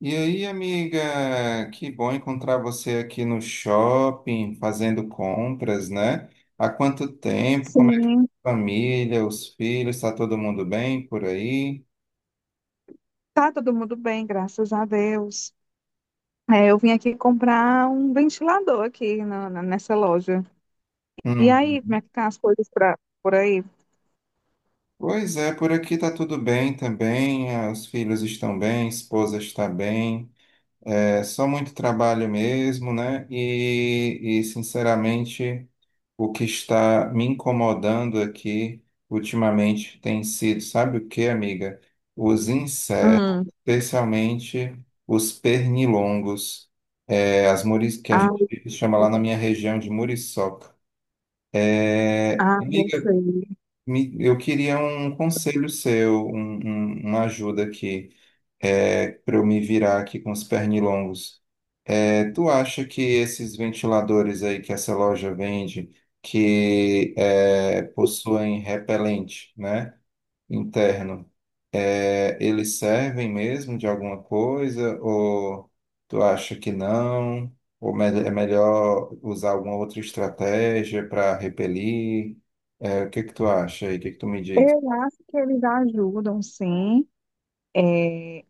E aí, amiga, que bom encontrar você aqui no shopping, fazendo compras, né? Há quanto tempo? Como é que tá Sim, a família, os filhos, está todo mundo bem por aí? tá todo mundo bem, graças a Deus. É, eu vim aqui comprar um ventilador aqui nessa loja. E Uhum. aí, como é que tá as coisas por aí? Pois é, por aqui tá tudo bem também, os filhos estão bem, a esposa está bem. É só muito trabalho mesmo, né? Sinceramente, o que está me incomodando aqui ultimamente tem sido, sabe o que, amiga? Os insetos, Hum, especialmente os pernilongos, as muris, que a ah, gente chama lá na minha região de muriçoca. É, ah, não amiga, sei. Eu queria um conselho seu, uma ajuda aqui, para eu me virar aqui com os pernilongos. Tu acha que esses ventiladores aí que essa loja vende, possuem repelente, né, interno, eles servem mesmo de alguma coisa? Ou tu acha que não? Ou é melhor usar alguma outra estratégia para repelir? É, o que que tu acha aí? O que que tu me diz? Eu acho que eles ajudam, sim, é,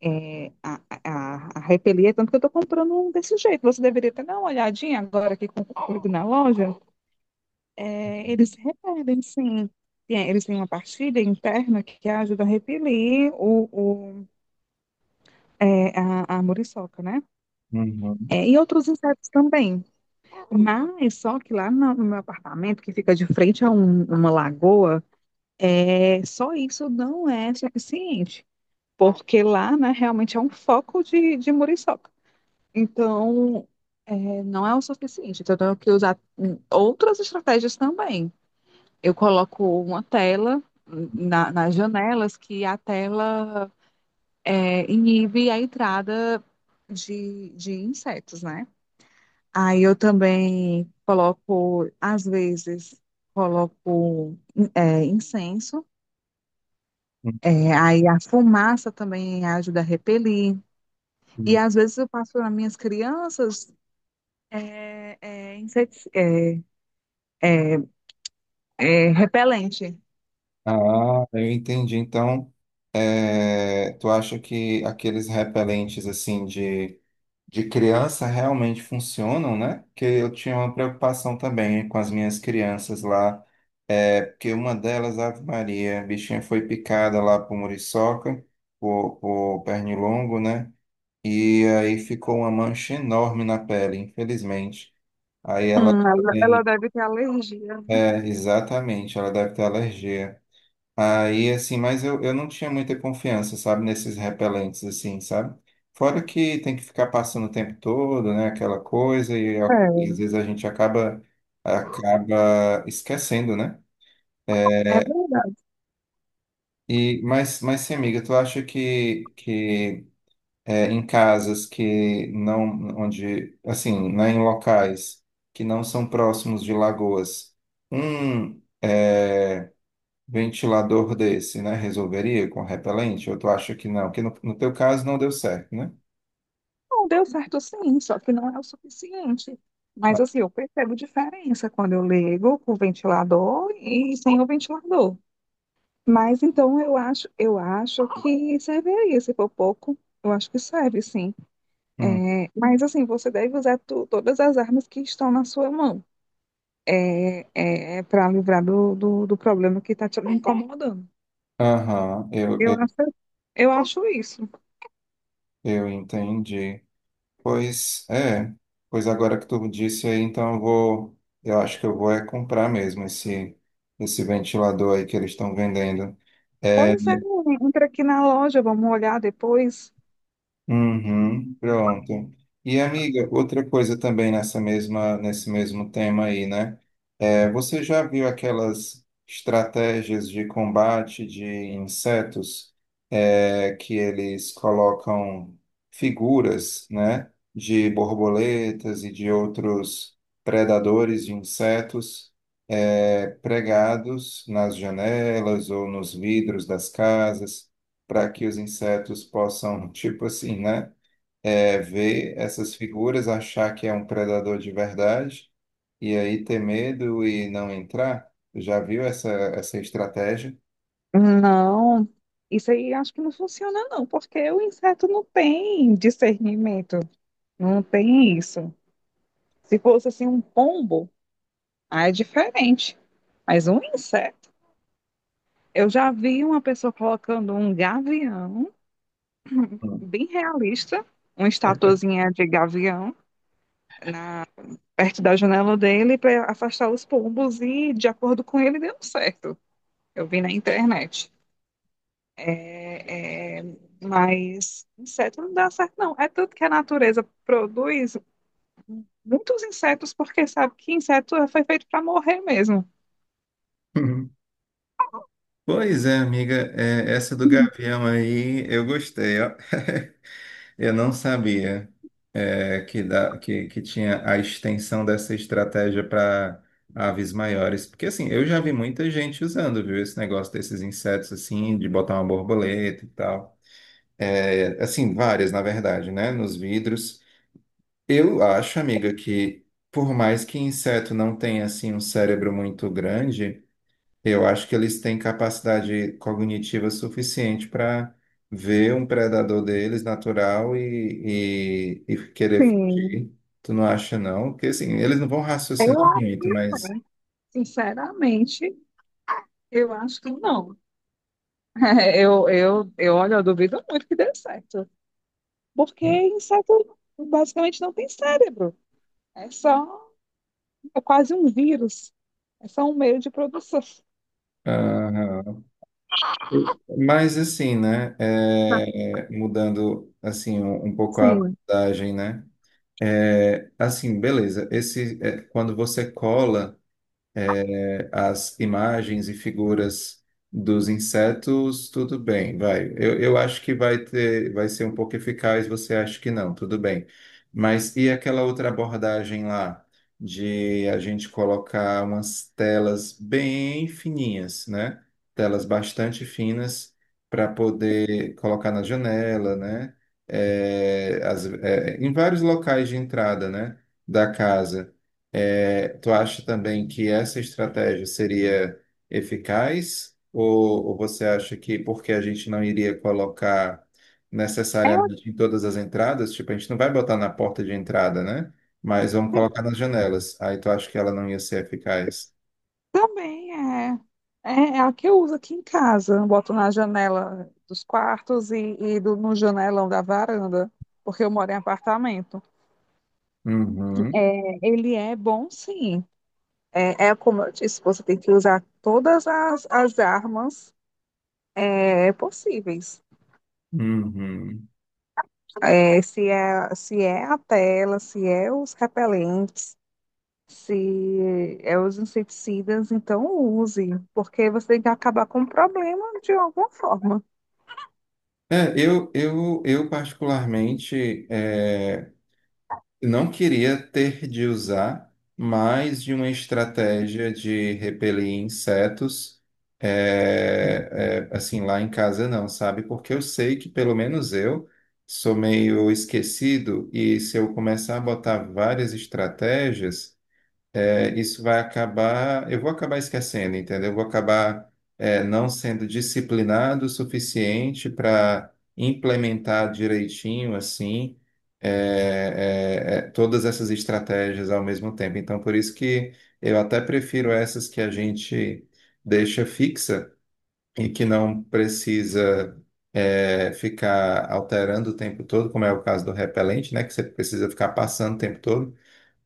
é, a repelir, tanto que eu tô comprando um desse jeito. Você deveria até dar uma olhadinha agora aqui comigo na loja. É, eles repelem, sim. Eles têm uma partilha interna que ajuda a repelir o é, a muriçoca, né? Uhum, É, e outros insetos também. Mas só que lá no meu apartamento, que fica de frente a uma lagoa, é, só isso não é suficiente. Porque lá, né, realmente é um foco de muriçoca. Então, é, não é o suficiente. Então, eu tenho que usar outras estratégias também. Eu coloco uma tela nas janelas que a tela é, inibe a entrada de insetos, né? Aí eu também coloco, às vezes, coloco incenso. É, aí a fumaça também ajuda a repelir. E uhum. às vezes eu passo para minhas crianças é, é, inseti- é, é, repelente. Ah, eu entendi. Então, tu acha que aqueles repelentes assim de criança realmente funcionam, né? Porque eu tinha uma preocupação também com as minhas crianças lá, é porque uma delas, Ave Maria, a bichinha foi picada lá por muriçoca, por pernilongo, né? E aí ficou uma mancha enorme na pele, infelizmente. Aí ela Ela tem, deve ter alergia, né? é, exatamente, ela deve ter alergia. Aí, assim, mas eu não tinha muita confiança, sabe, nesses repelentes, assim, sabe? Fora que tem que ficar passando o tempo todo, né, aquela coisa, e, e às vezes a gente acaba, acaba esquecendo, né? É, é verdade. E, mas sim, amiga, tu acha que é, em casas que não, onde, assim, né, em locais que não são próximos de lagoas, um, é, ventilador desse, né? Resolveria com repelente? Eu tu acha que não, que no, no teu caso não deu certo, né? Não deu certo sim, só que não é o suficiente. Mas assim, eu percebo diferença quando eu ligo com o ventilador e sem o ventilador. Mas então eu acho que serviria, se for pouco, eu acho que serve, sim. Hum. É, mas assim, você deve usar todas as armas que estão na sua mão, para livrar do problema que está te incomodando. Aham, Eu acho, eu acho isso. eu entendi. Pois é, pois agora que tu disse aí, então eu vou, eu acho que eu vou é comprar mesmo esse, esse ventilador aí que eles estão vendendo. É, Pois é, entra aqui na loja, vamos olhar depois. uhum, pronto. E amiga, outra coisa também nessa mesma, nesse mesmo tema aí, né? É, você já viu aquelas estratégias de combate de insetos, que eles colocam figuras, né, de borboletas e de outros predadores de insetos, pregados nas janelas ou nos vidros das casas, para que os insetos possam, tipo assim, né, ver essas figuras, achar que é um predador de verdade e aí ter medo e não entrar? Já viu essa, essa estratégia? Não, isso aí acho que não funciona, não, porque o inseto não tem discernimento, não tem isso. Se fosse assim um pombo. Ah, é diferente. Mas um inseto. Eu já vi uma pessoa colocando um gavião, Hum. bem realista, uma estatuazinha de gavião, na- perto da janela dele para afastar os pombos e, de acordo com ele, deu certo. Eu vi na internet. É, é, mas inseto não dá certo, não. É tanto que a natureza produz muitos insetos porque sabe que inseto foi feito para morrer mesmo. Pois é, amiga, é, essa do gavião aí eu gostei, ó. Eu não sabia que, que tinha a extensão dessa estratégia para aves maiores. Porque, assim, eu já vi muita gente usando, viu, esse negócio desses insetos, assim, de botar uma borboleta e tal. É, assim, várias, na verdade, né, nos vidros. Eu acho, amiga, que por mais que inseto não tenha, assim, um cérebro muito grande, eu acho que eles têm capacidade cognitiva suficiente para ver um predador deles natural e querer Sim, fugir. Tu não acha, não? Porque, assim, eles não vão raciocinar eu acho, muito, mas... sinceramente, eu acho que não. Olha, eu duvido muito que dê certo. Porque inseto basicamente não tem cérebro. É só, é quase um vírus. É só um meio de produção. Aham. Mas, assim, né, Tá. Mudando, assim, um pouco a Sim. abordagem, né? É, assim, beleza. Esse, é, quando você cola... as imagens e figuras dos insetos, tudo bem, vai. Eu acho que vai ter, vai ser um pouco eficaz, você acha que não, tudo bem. Mas e aquela outra abordagem lá de a gente colocar umas telas bem fininhas, né? Telas bastante finas para poder colocar na janela, né? É, é, em vários locais de entrada, né? Da casa. É, tu acha também que essa estratégia seria eficaz? Ou você acha que porque a gente não iria colocar É, necessariamente em todas as entradas, tipo, a gente não vai botar na porta de entrada, né? Mas vamos colocar assim, nas janelas. Aí tu acha que ela não ia ser eficaz? também é, é a que eu uso aqui em casa. Eu boto na janela dos quartos e no janelão da varanda, porque eu moro em apartamento. Uhum, É, ele é bom, sim. É, é como eu disse, você tem que usar todas as armas possíveis. uhum. É, se é a tela, se é os repelentes, se é os inseticidas, então use, porque você tem que acabar com o problema de alguma forma. É, eu particularmente é, não queria ter de usar mais de uma estratégia de repelir insetos, assim, lá em casa não, sabe? Porque eu sei que pelo menos eu sou meio esquecido e se eu começar a botar várias estratégias, é, isso vai acabar, eu vou acabar esquecendo, entendeu? Eu vou acabar, é, não sendo disciplinado o suficiente para implementar direitinho, assim, é, é, todas essas estratégias ao mesmo tempo. Então, por isso que eu até prefiro essas que a gente deixa fixa e que não precisa, é, ficar alterando o tempo todo, como é o caso do repelente, né? Que você precisa ficar passando o tempo todo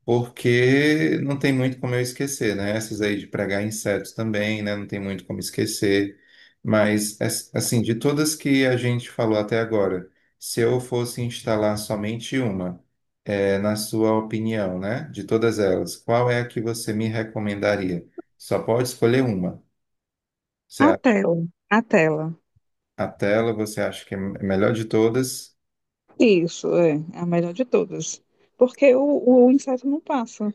porque não tem muito como eu esquecer, né? Essas aí de pregar insetos também, né? Não tem muito como esquecer. Mas, assim, de todas que a gente falou até agora, se eu fosse instalar somente uma, é, na sua opinião, né? De todas elas, qual é a que você me recomendaria? Só pode escolher uma. Você A acha tela, a tela. a tela, você acha que é melhor de todas? Isso, é, é a melhor de todas. Porque o inseto não passa.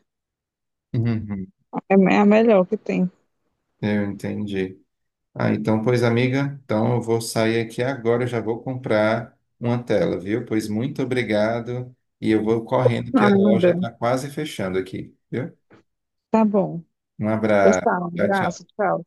Uhum, É é a melhor que tem. eu entendi. Ah, então, pois, amiga, então eu vou sair aqui agora, eu já vou comprar uma tela, viu? Pois muito obrigado e eu vou correndo que a loja Nada. está quase fechando aqui, viu? Tá bom. Um Pois abraço. tá, um Tchau, tchau. abraço, tchau.